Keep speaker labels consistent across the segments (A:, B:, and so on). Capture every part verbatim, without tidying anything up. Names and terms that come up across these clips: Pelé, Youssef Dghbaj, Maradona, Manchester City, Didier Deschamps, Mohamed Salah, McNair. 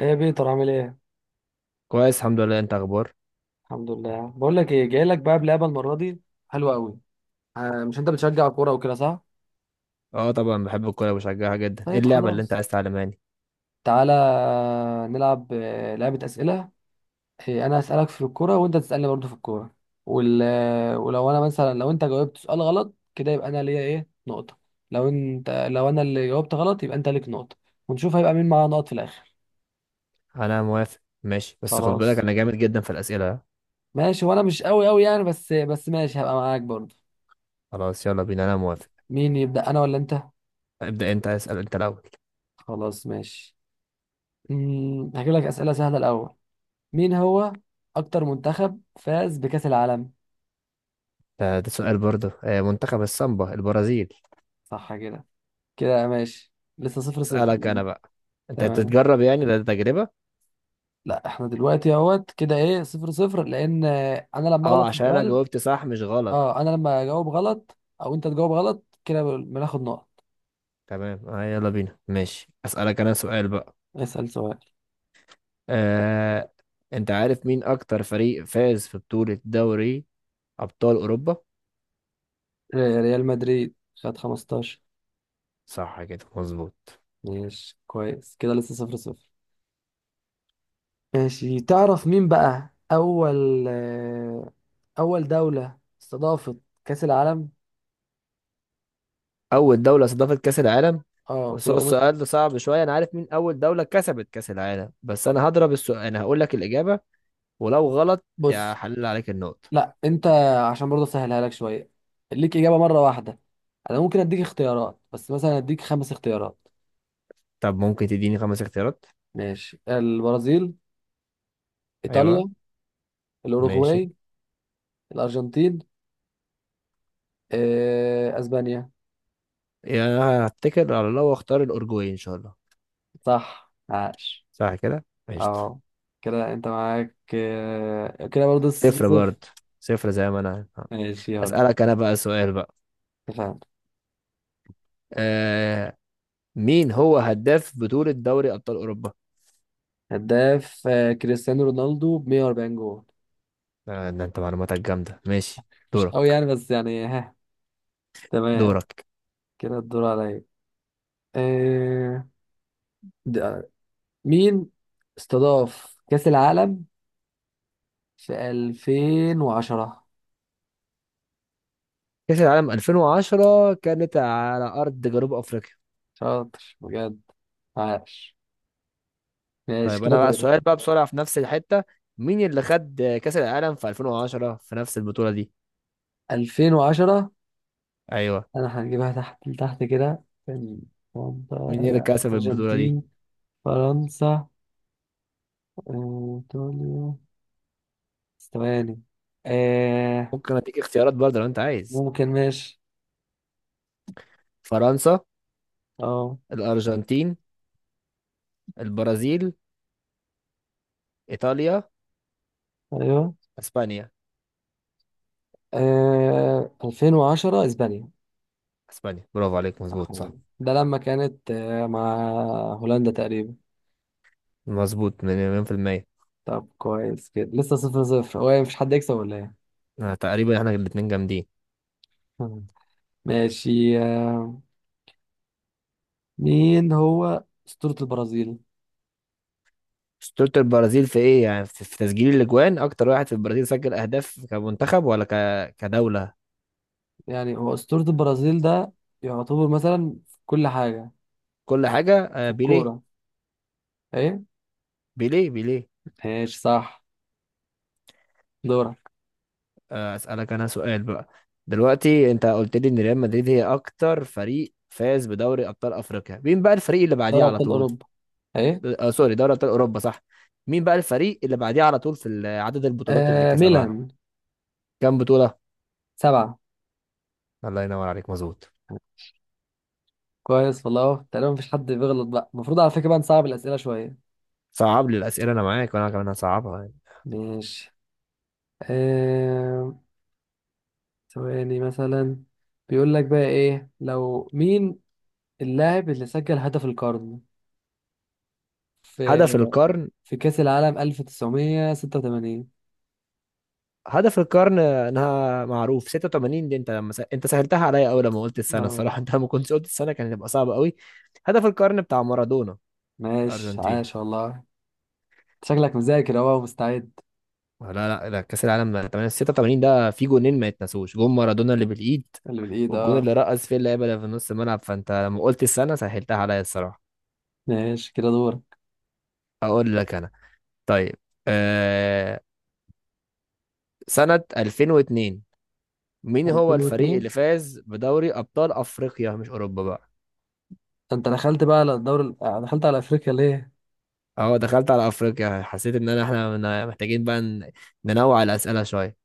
A: ايه يا بيتر؟ عامل ايه؟
B: كويس الحمد لله، انت اخبار؟
A: الحمد لله، بقول لك ايه، جاي لك بقى بلعبه المره دي حلوه قوي. آه، مش انت بتشجع كوره وكده، صح؟
B: اه، طبعا بحب الكوره وبشجعها جدا. ايه
A: طيب
B: اللعبه اللي انت
A: خلاص،
B: عايز تعلماني؟
A: تعالى نلعب آه، لعبه اسئله. إيه، انا هسالك في الكوره وانت تسالني برضو في الكوره. وال... آه، ولو انا مثلا، لو انت جاوبت سؤال غلط كده يبقى انا ليا ايه، نقطه. لو انت لو انا اللي جاوبت غلط يبقى انت ليك نقطه. ونشوف هيبقى مين معاه نقط في الاخر.
B: انا موافق ماشي، بس خد بالك
A: خلاص
B: انا جامد جدا في الاسئله ها؟
A: ماشي. وانا مش قوي قوي يعني، بس بس ماشي، هبقى معاك برضو.
B: خلاص يلا بينا، انا موافق.
A: مين يبدا، انا ولا انت؟
B: ابدا انت، اسال انت الاول.
A: خلاص ماشي. امم هجيب لك أسئلة سهلة الأول. مين هو أكتر منتخب فاز بكأس العالم؟
B: ده, ده سؤال برضه. آه، منتخب السامبا البرازيل.
A: صح كده، كده ماشي. لسه صفر صفر.
B: اسالك انا بقى. انت
A: تمام.
B: بتتجرب؟ يعني ده تجربه.
A: لا احنا دلوقتي اهوت كده ايه، صفر صفر، لأن آه، أنا لما
B: اه
A: أغلط في
B: عشان انا
A: السؤال.
B: جاوبت صح مش غلط.
A: اه، أنا لما أجاوب غلط أو أنت تجاوب غلط كده بناخد نقط.
B: تمام. آه يلا بينا ماشي. اسالك انا سؤال بقى.
A: اسأل سؤال.
B: آه انت عارف مين اكتر فريق فاز في بطوله دوري ابطال اوروبا؟
A: آه، ريال مدريد خد خمستاشر.
B: صح كده مظبوط.
A: ماشي كويس كده، لسه صفر صفر. ماشي، تعرف مين بقى أول آه، أول دولة استضافت كأس العالم؟
B: اول دوله استضافت كاس العالم؟
A: اه،
B: بس
A: ولو
B: هو
A: قمت.
B: السؤال ده صعب شويه. انا عارف مين اول دوله كسبت كاس العالم، بس انا هضرب السؤال. انا هقول لك الاجابه، ولو غلط يا
A: بص،
B: حلل عليك النقطه.
A: لا انت، عشان برضه اسهلها لك شويه، ليك اجابه مره واحده. انا ممكن اديك اختيارات، بس مثلا اديك خمس اختيارات.
B: طب ممكن تديني خمس اختيارات.
A: ماشي، البرازيل،
B: ايوه.
A: ايطاليا،
B: ماشي.
A: الاوروغواي، الارجنتين، آه، اسبانيا.
B: يعني انا هتكل على الله واختار الاورجواي ان شاء الله.
A: صح، عاش.
B: صح كده ماشي.
A: اه كده انت معاك، آه، كده برضه صفر
B: صفر برضه،
A: صفر.
B: صفر زي ما انا.
A: ماشي يلا.
B: اسالك انا بقى سؤال بقى.
A: اتفقنا.
B: آه مين هو هداف بطوله دوري ابطال اوروبا؟
A: هداف آه، كريستيانو رونالدو ب مية واربعين جول.
B: آه، ده انت معلوماتك جامده ماشي.
A: مش قوي
B: دورك.
A: يعني، بس يعني، ها. تمام،
B: دورك.
A: كده الدور عليا. آه، ده- مين استضاف كأس العالم في ألفين وعشرة؟
B: كأس العالم ألفين وعشرة كانت على أرض جنوب أفريقيا.
A: شاطر بجد، عاش. ماشي
B: طيب
A: كده،
B: أنا بقى
A: دور.
B: السؤال بقى بسرعة في نفس الحتة. مين اللي خد كأس العالم في ألفين وعشرة في نفس البطولة دي؟
A: ألفين وعشرة،
B: أيوه.
A: انا هنجيبها تحت تحت كده، كان واحدة-
B: مين اللي
A: أنا،
B: كسب البطولة دي؟
A: ارجنتين، فرنسا، آه، ايطاليا، بس ثواني. آه
B: ممكن أديك اختيارات برضه لو أنت عايز.
A: ممكن، ماشي.
B: فرنسا،
A: اه،
B: الأرجنتين، البرازيل، إيطاليا،
A: ايوه،
B: أسبانيا.
A: آه ألفين وعشرة اسبانيا.
B: أسبانيا، برافو عليك،
A: صح.
B: مظبوط صح.
A: ده لما كانت آه، مع هولندا تقريبا.
B: مظبوط من- مليون في المية.
A: طب كويس كده، لسه صفر صفر. هو إيه، مفيش حد يكسب ولا ايه؟
B: آه، تقريبا احنا الاتنين جامدين.
A: ماشي، آه، مين هو أسطورة البرازيل؟
B: اسطورة البرازيل في ايه يعني؟ في في تسجيل الاجوان، اكتر واحد في البرازيل سجل اهداف كمنتخب ولا ك... كدولة؟
A: يعني هو أسطورة البرازيل ده يعتبر مثلا في كل حاجة،
B: كل حاجة.
A: في
B: آه، بيليه.
A: الكورة، ايه؟
B: بيليه بيليه.
A: ماشي صح. دورك.
B: آه، أسألك أنا سؤال بقى. دلوقتي أنت قلت لي إن ريال مدريد هي أكتر فريق فاز بدوري أبطال أفريقيا. مين بقى الفريق اللي بعديه
A: دوري
B: على
A: أبطال
B: طول؟
A: أوروبا، ايه؟
B: آه سوري، دوري أبطال أوروبا صح. مين بقى الفريق اللي بعديه على طول في ال- عدد البطولات اللي
A: آه
B: كسبها؟
A: ميلان.
B: كام بطولة؟
A: سبعة.
B: الله ينور عليك، مظبوط.
A: كويس والله، تقريبا مفيش حد بيغلط بقى. المفروض على فكرة بقى نصعب الأسئلة شوية.
B: صعب لي الأسئلة أنا معاك، وأنا كمان هصعبها يعني.
A: ماشي. آه ثواني مثلا. بيقول لك بقى ايه، لو مين اللاعب اللي سجل هدف القرن في
B: هدف القرن.
A: في كأس العالم ألف وتسعمية وستة وتمانين؟
B: هدف القرن انها معروف، ستة وثمانين دي. انت لما س... انت سهلتها عليا قوي لما قلت السنه
A: اه،
B: الصراحه. انت لما كنت قلت السنه كان هيبقى صعب قوي. هدف القرن بتاع مارادونا.
A: ماشي،
B: الارجنتين.
A: عاش والله. شكلك مذاكر اهو ومستعد.
B: لا لا لا، كاس العالم تمانية ستة وتمانين ده، في جونين ما يتنسوش: جون مارادونا اللي بالايد،
A: اللي بالايد،
B: والجون
A: اه.
B: اللي رقص فيه اللعيبه اللي في نص الملعب. فانت لما قلت السنه سهلتها عليا الصراحه.
A: ماشي كده، دورك.
B: اقول لك انا. طيب. آه... سنه ألفين واثنين، مين هو الفريق
A: ألفين واتنين؟
B: اللي فاز بدوري ابطال افريقيا مش اوروبا بقى؟
A: ده انت دخلت بقى على الدوري ال- آه، دخلت على افريقيا ليه؟
B: اه دخلت على افريقيا، حسيت ان انا احنا من- محتاجين بقى ن- ننوع الاسئله شويه.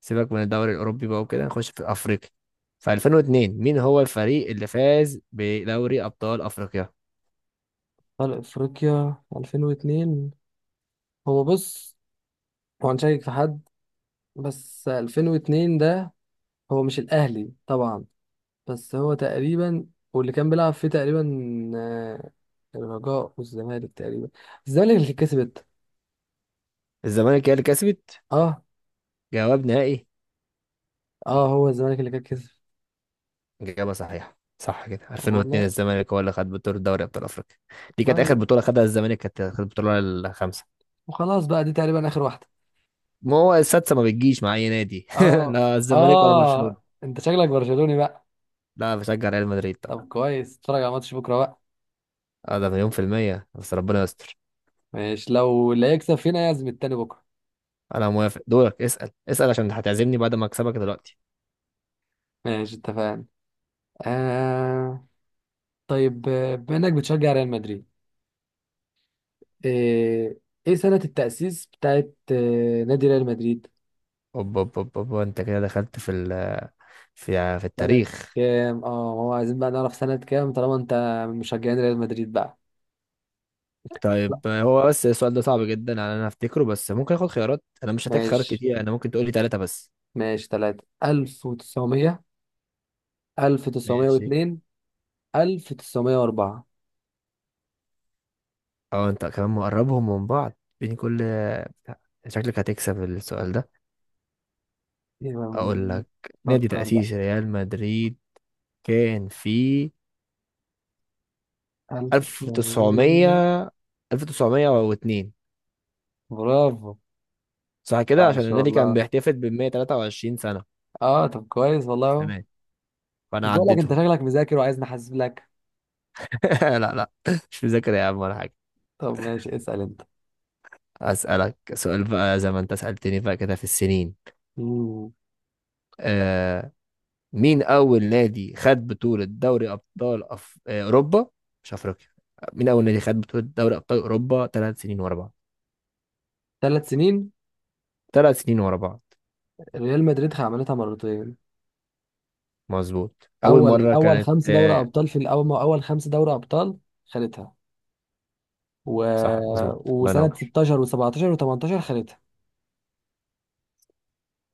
B: سيبك من الدوري الاوروبي بقى، وكده نخش في افريقيا. في ألفين واثنين مين هو الفريق اللي فاز بدوري ابطال افريقيا؟
A: على افريقيا ألفين واتنين. هو بص، هو هنشيك في حد. بس ألفين واتنين ده، هو مش الاهلي طبعا، بس هو تقريبا، واللي كان بيلعب فيه تقريبا آه، الرجاء والزمالك تقريبا. الزمالك اللي كسبت.
B: الزمالك هي اللي كسبت.
A: اه.
B: جواب نهائي.
A: اه، هو الزمالك اللي كان كسب.
B: اجابه صحيحه، صح كده.
A: طب
B: ألفين واثنين
A: والله.
B: الزمالك هو اللي خد بطوله دوري ابطال افريقيا. دي كانت اخر
A: طيب،
B: بطوله خدها الزمالك. كانت كانت البطوله الخامسه.
A: وخلاص بقى دي تقريبا اخر واحدة.
B: ما هو السادسه ما بتجيش مع اي نادي.
A: اه.
B: لا الزمالك ولا برشلونه.
A: اه، انت شكلك برشلوني بقى.
B: لا، بشجع ريال مدريد. طب
A: طب كويس، اتفرج على ماتش بكرة بقى.
B: اه، ده مليون في المية، بس ربنا يستر.
A: ماشي، لو اللي هيكسب فينا يعزم التاني بكرة.
B: انا موافق. دورك، اسال اسال، عشان هتعزمني بعد ما اكسبك دلوقتي.
A: ماشي اتفقنا. آه طيب، آه، بما انك بتشجع ريال مدريد، آه، ايه سنة التأسيس بتاعت آه، نادي ريال مدريد؟
B: اوب اوب اوب اوب، انت كده دخلت في ال في في
A: سنة
B: التاريخ.
A: كام؟ اه، هو عايزين بقى نعرف سنة كام طالما انت من مشجعين ريال مدريد بقى. لا،
B: طيب هو بس السؤال ده صعب جدا على انا افتكره. بس ممكن اخد خيارات. انا مش هحتاج خيارات
A: ماشي.
B: كتير. انا ممكن تقولي ثلاثة بس.
A: ماشي، تلاتة: ألف وتسعمية، ألف وتسعمية
B: ماشي.
A: واتنين ألف وتسعمية وأربعة.
B: اه انت كمان مقربهم من بعض، بين كل. شكلك هتكسب السؤال ده.
A: يبقى،
B: اقول لك: نادي
A: فكر بقى.
B: تأسيس ريال مدريد كان في
A: ألف وتسعمية.
B: ألف وتسعمية. ألف وتسعمية واتنين.
A: برافو.
B: صح كده، عشان
A: عاش
B: النادي
A: والله.
B: كان بيحتفل ب مية وتلاتة وعشرين سنة
A: اه، طب كويس والله اهو.
B: السنة دي.
A: مش
B: فأنا
A: بقول لك انت
B: عديتهم.
A: شكلك مذاكر وعايز نحاسب لك.
B: لا لا، مش مذاكر يا عم ولا حاجة.
A: طب ماشي، اسأل انت.
B: أسألك سؤال بقى زي ما أنت سألتني بقى كده في السنين.
A: مم.
B: آه مين أول نادي خد بطولة دوري أبطال أف... آه، أوروبا مش أفريقيا. مين أول نادي خد بطولة دوري أبطال أوروبا ثلاث سنين ورا بعض؟
A: ثلاث سنين؟
B: ثلاث سنين ورا بعض.
A: ريال مدريد عملتها مرتين.
B: مظبوط. أول
A: اول
B: مرة
A: اول
B: كانت
A: خمس دوري
B: آه
A: ابطال، في الاول اول خمس دوري ابطال خدتها. و...
B: صح مظبوط، الله
A: وسنه
B: ينور.
A: ستاشر و17 و18 خدتها.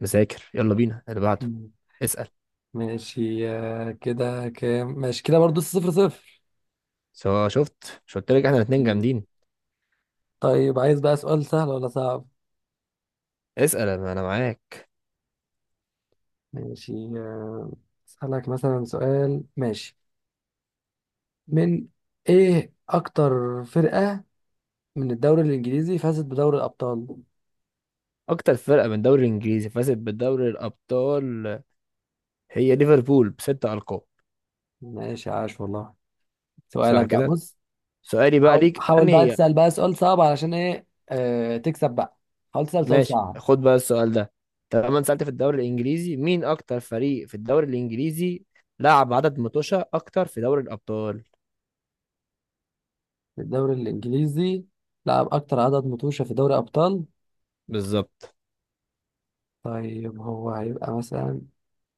B: مذاكر. يلا بينا اللي بعده.
A: مم.
B: اسأل.
A: ماشي، آه، كده كام؟ ماشي كده برضه صفر صفر.
B: سواء شفت، مش قلت لك احنا الاتنين
A: مم.
B: جامدين.
A: طيب، عايز بقى سؤال سهل ولا صعب؟
B: اسأل انا، أنا معاك.
A: ماشي. آه، اسالك مثلا سؤال، ماشي. من ايه اكتر فرقه من الدوري الانجليزي فازت بدوري الابطال؟
B: اكتر فرقة من الدوري الانجليزي فازت بدوري الابطال هي ليفربول بستة القاب.
A: ماشي، عاش والله.
B: صح
A: سؤالك بقى،
B: كده.
A: بص.
B: سؤالي بقى
A: حاول
B: ليك
A: حاول بقى
B: انهي.
A: تسأل بقى سؤال صعب، علشان ايه آه تكسب بقى. حاول تسأل سؤال
B: ماشي،
A: صعب.
B: خد بقى السؤال ده. طالما أنت سألت في الدوري الانجليزي، مين اكتر فريق في الدوري الانجليزي لعب عدد متوشة اكتر في دوري الابطال؟
A: في الدوري الإنجليزي، لعب أكتر عدد متوشة في دوري أبطال؟
B: بالظبط.
A: طيب هو هيبقى مثلا،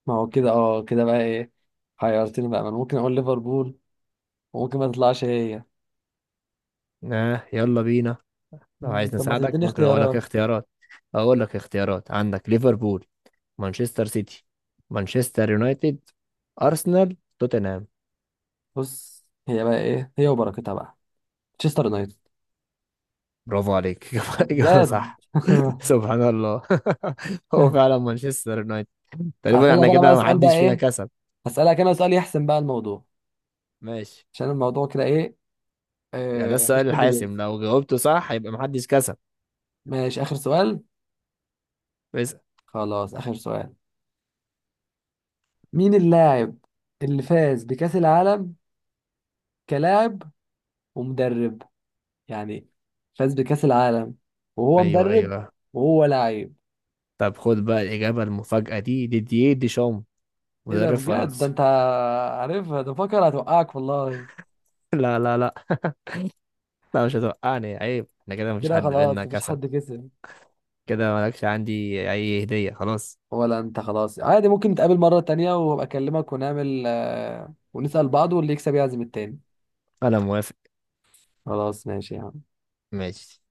A: ما هو كده، اه كده بقى ايه، حيرتني بقى. ما أنا ممكن أقول ليفربول، وممكن ما تطلعش هي.
B: آه يلا بينا. لو
A: مم،
B: عايز
A: طب ما
B: نساعدك
A: تديني
B: ممكن اقول لك
A: اختيارات.
B: اختيارات. اقول لك اختيارات: عندك ليفربول، مانشستر سيتي، مانشستر يونايتد، ارسنال، توتنهام.
A: بص، هي بقى ايه، هي وبركتها بقى. تشستر يونايتد.
B: برافو عليك. إجابة
A: جد.
B: صح. سبحان الله. هو فعلا مانشستر يونايتد. تقريبا
A: هسألك
B: احنا
A: أنا بقى
B: كده
A: سؤال بقى،
B: محدش فينا
A: ايه،
B: كسب.
A: هسألك أنا سؤال يحسم بقى الموضوع.
B: ماشي،
A: عشان الموضوع كده، ايه،
B: يعني ده
A: آه مش
B: السؤال
A: حد بيكسب.
B: الحاسم، لو جاوبته صح يبقى محدش كسب.
A: ماشي، آخر سؤال.
B: بس.
A: خلاص، آخر سؤال. مين اللاعب اللي فاز بكأس العالم كلاعب ومدرب، يعني فاز بكأس العالم وهو
B: ايوه
A: مدرب
B: ايوه.
A: وهو لعيب؟
B: طب خد بقى الإجابة المفاجأة دي: ديدييه ديشام،
A: ايه ده
B: مدرب
A: بجد، ده
B: فرنسا.
A: انت عارفها، ده فكر هتوقعك والله.
B: لا لا لا. لا مش هتوقعني، عيب. احنا كده مفيش
A: كده
B: حد بينا
A: خلاص، مفيش
B: كسب.
A: حد كسب.
B: كده مالكش عندي أي هدية خلاص.
A: ولا انت، خلاص، عادي. ممكن نتقابل مرة تانية وابقى اكلمك ونعمل آه، ونسأل بعض، واللي يكسب يعزم التاني.
B: أنا موافق
A: خلاص ماشي يا عم.
B: ماشي.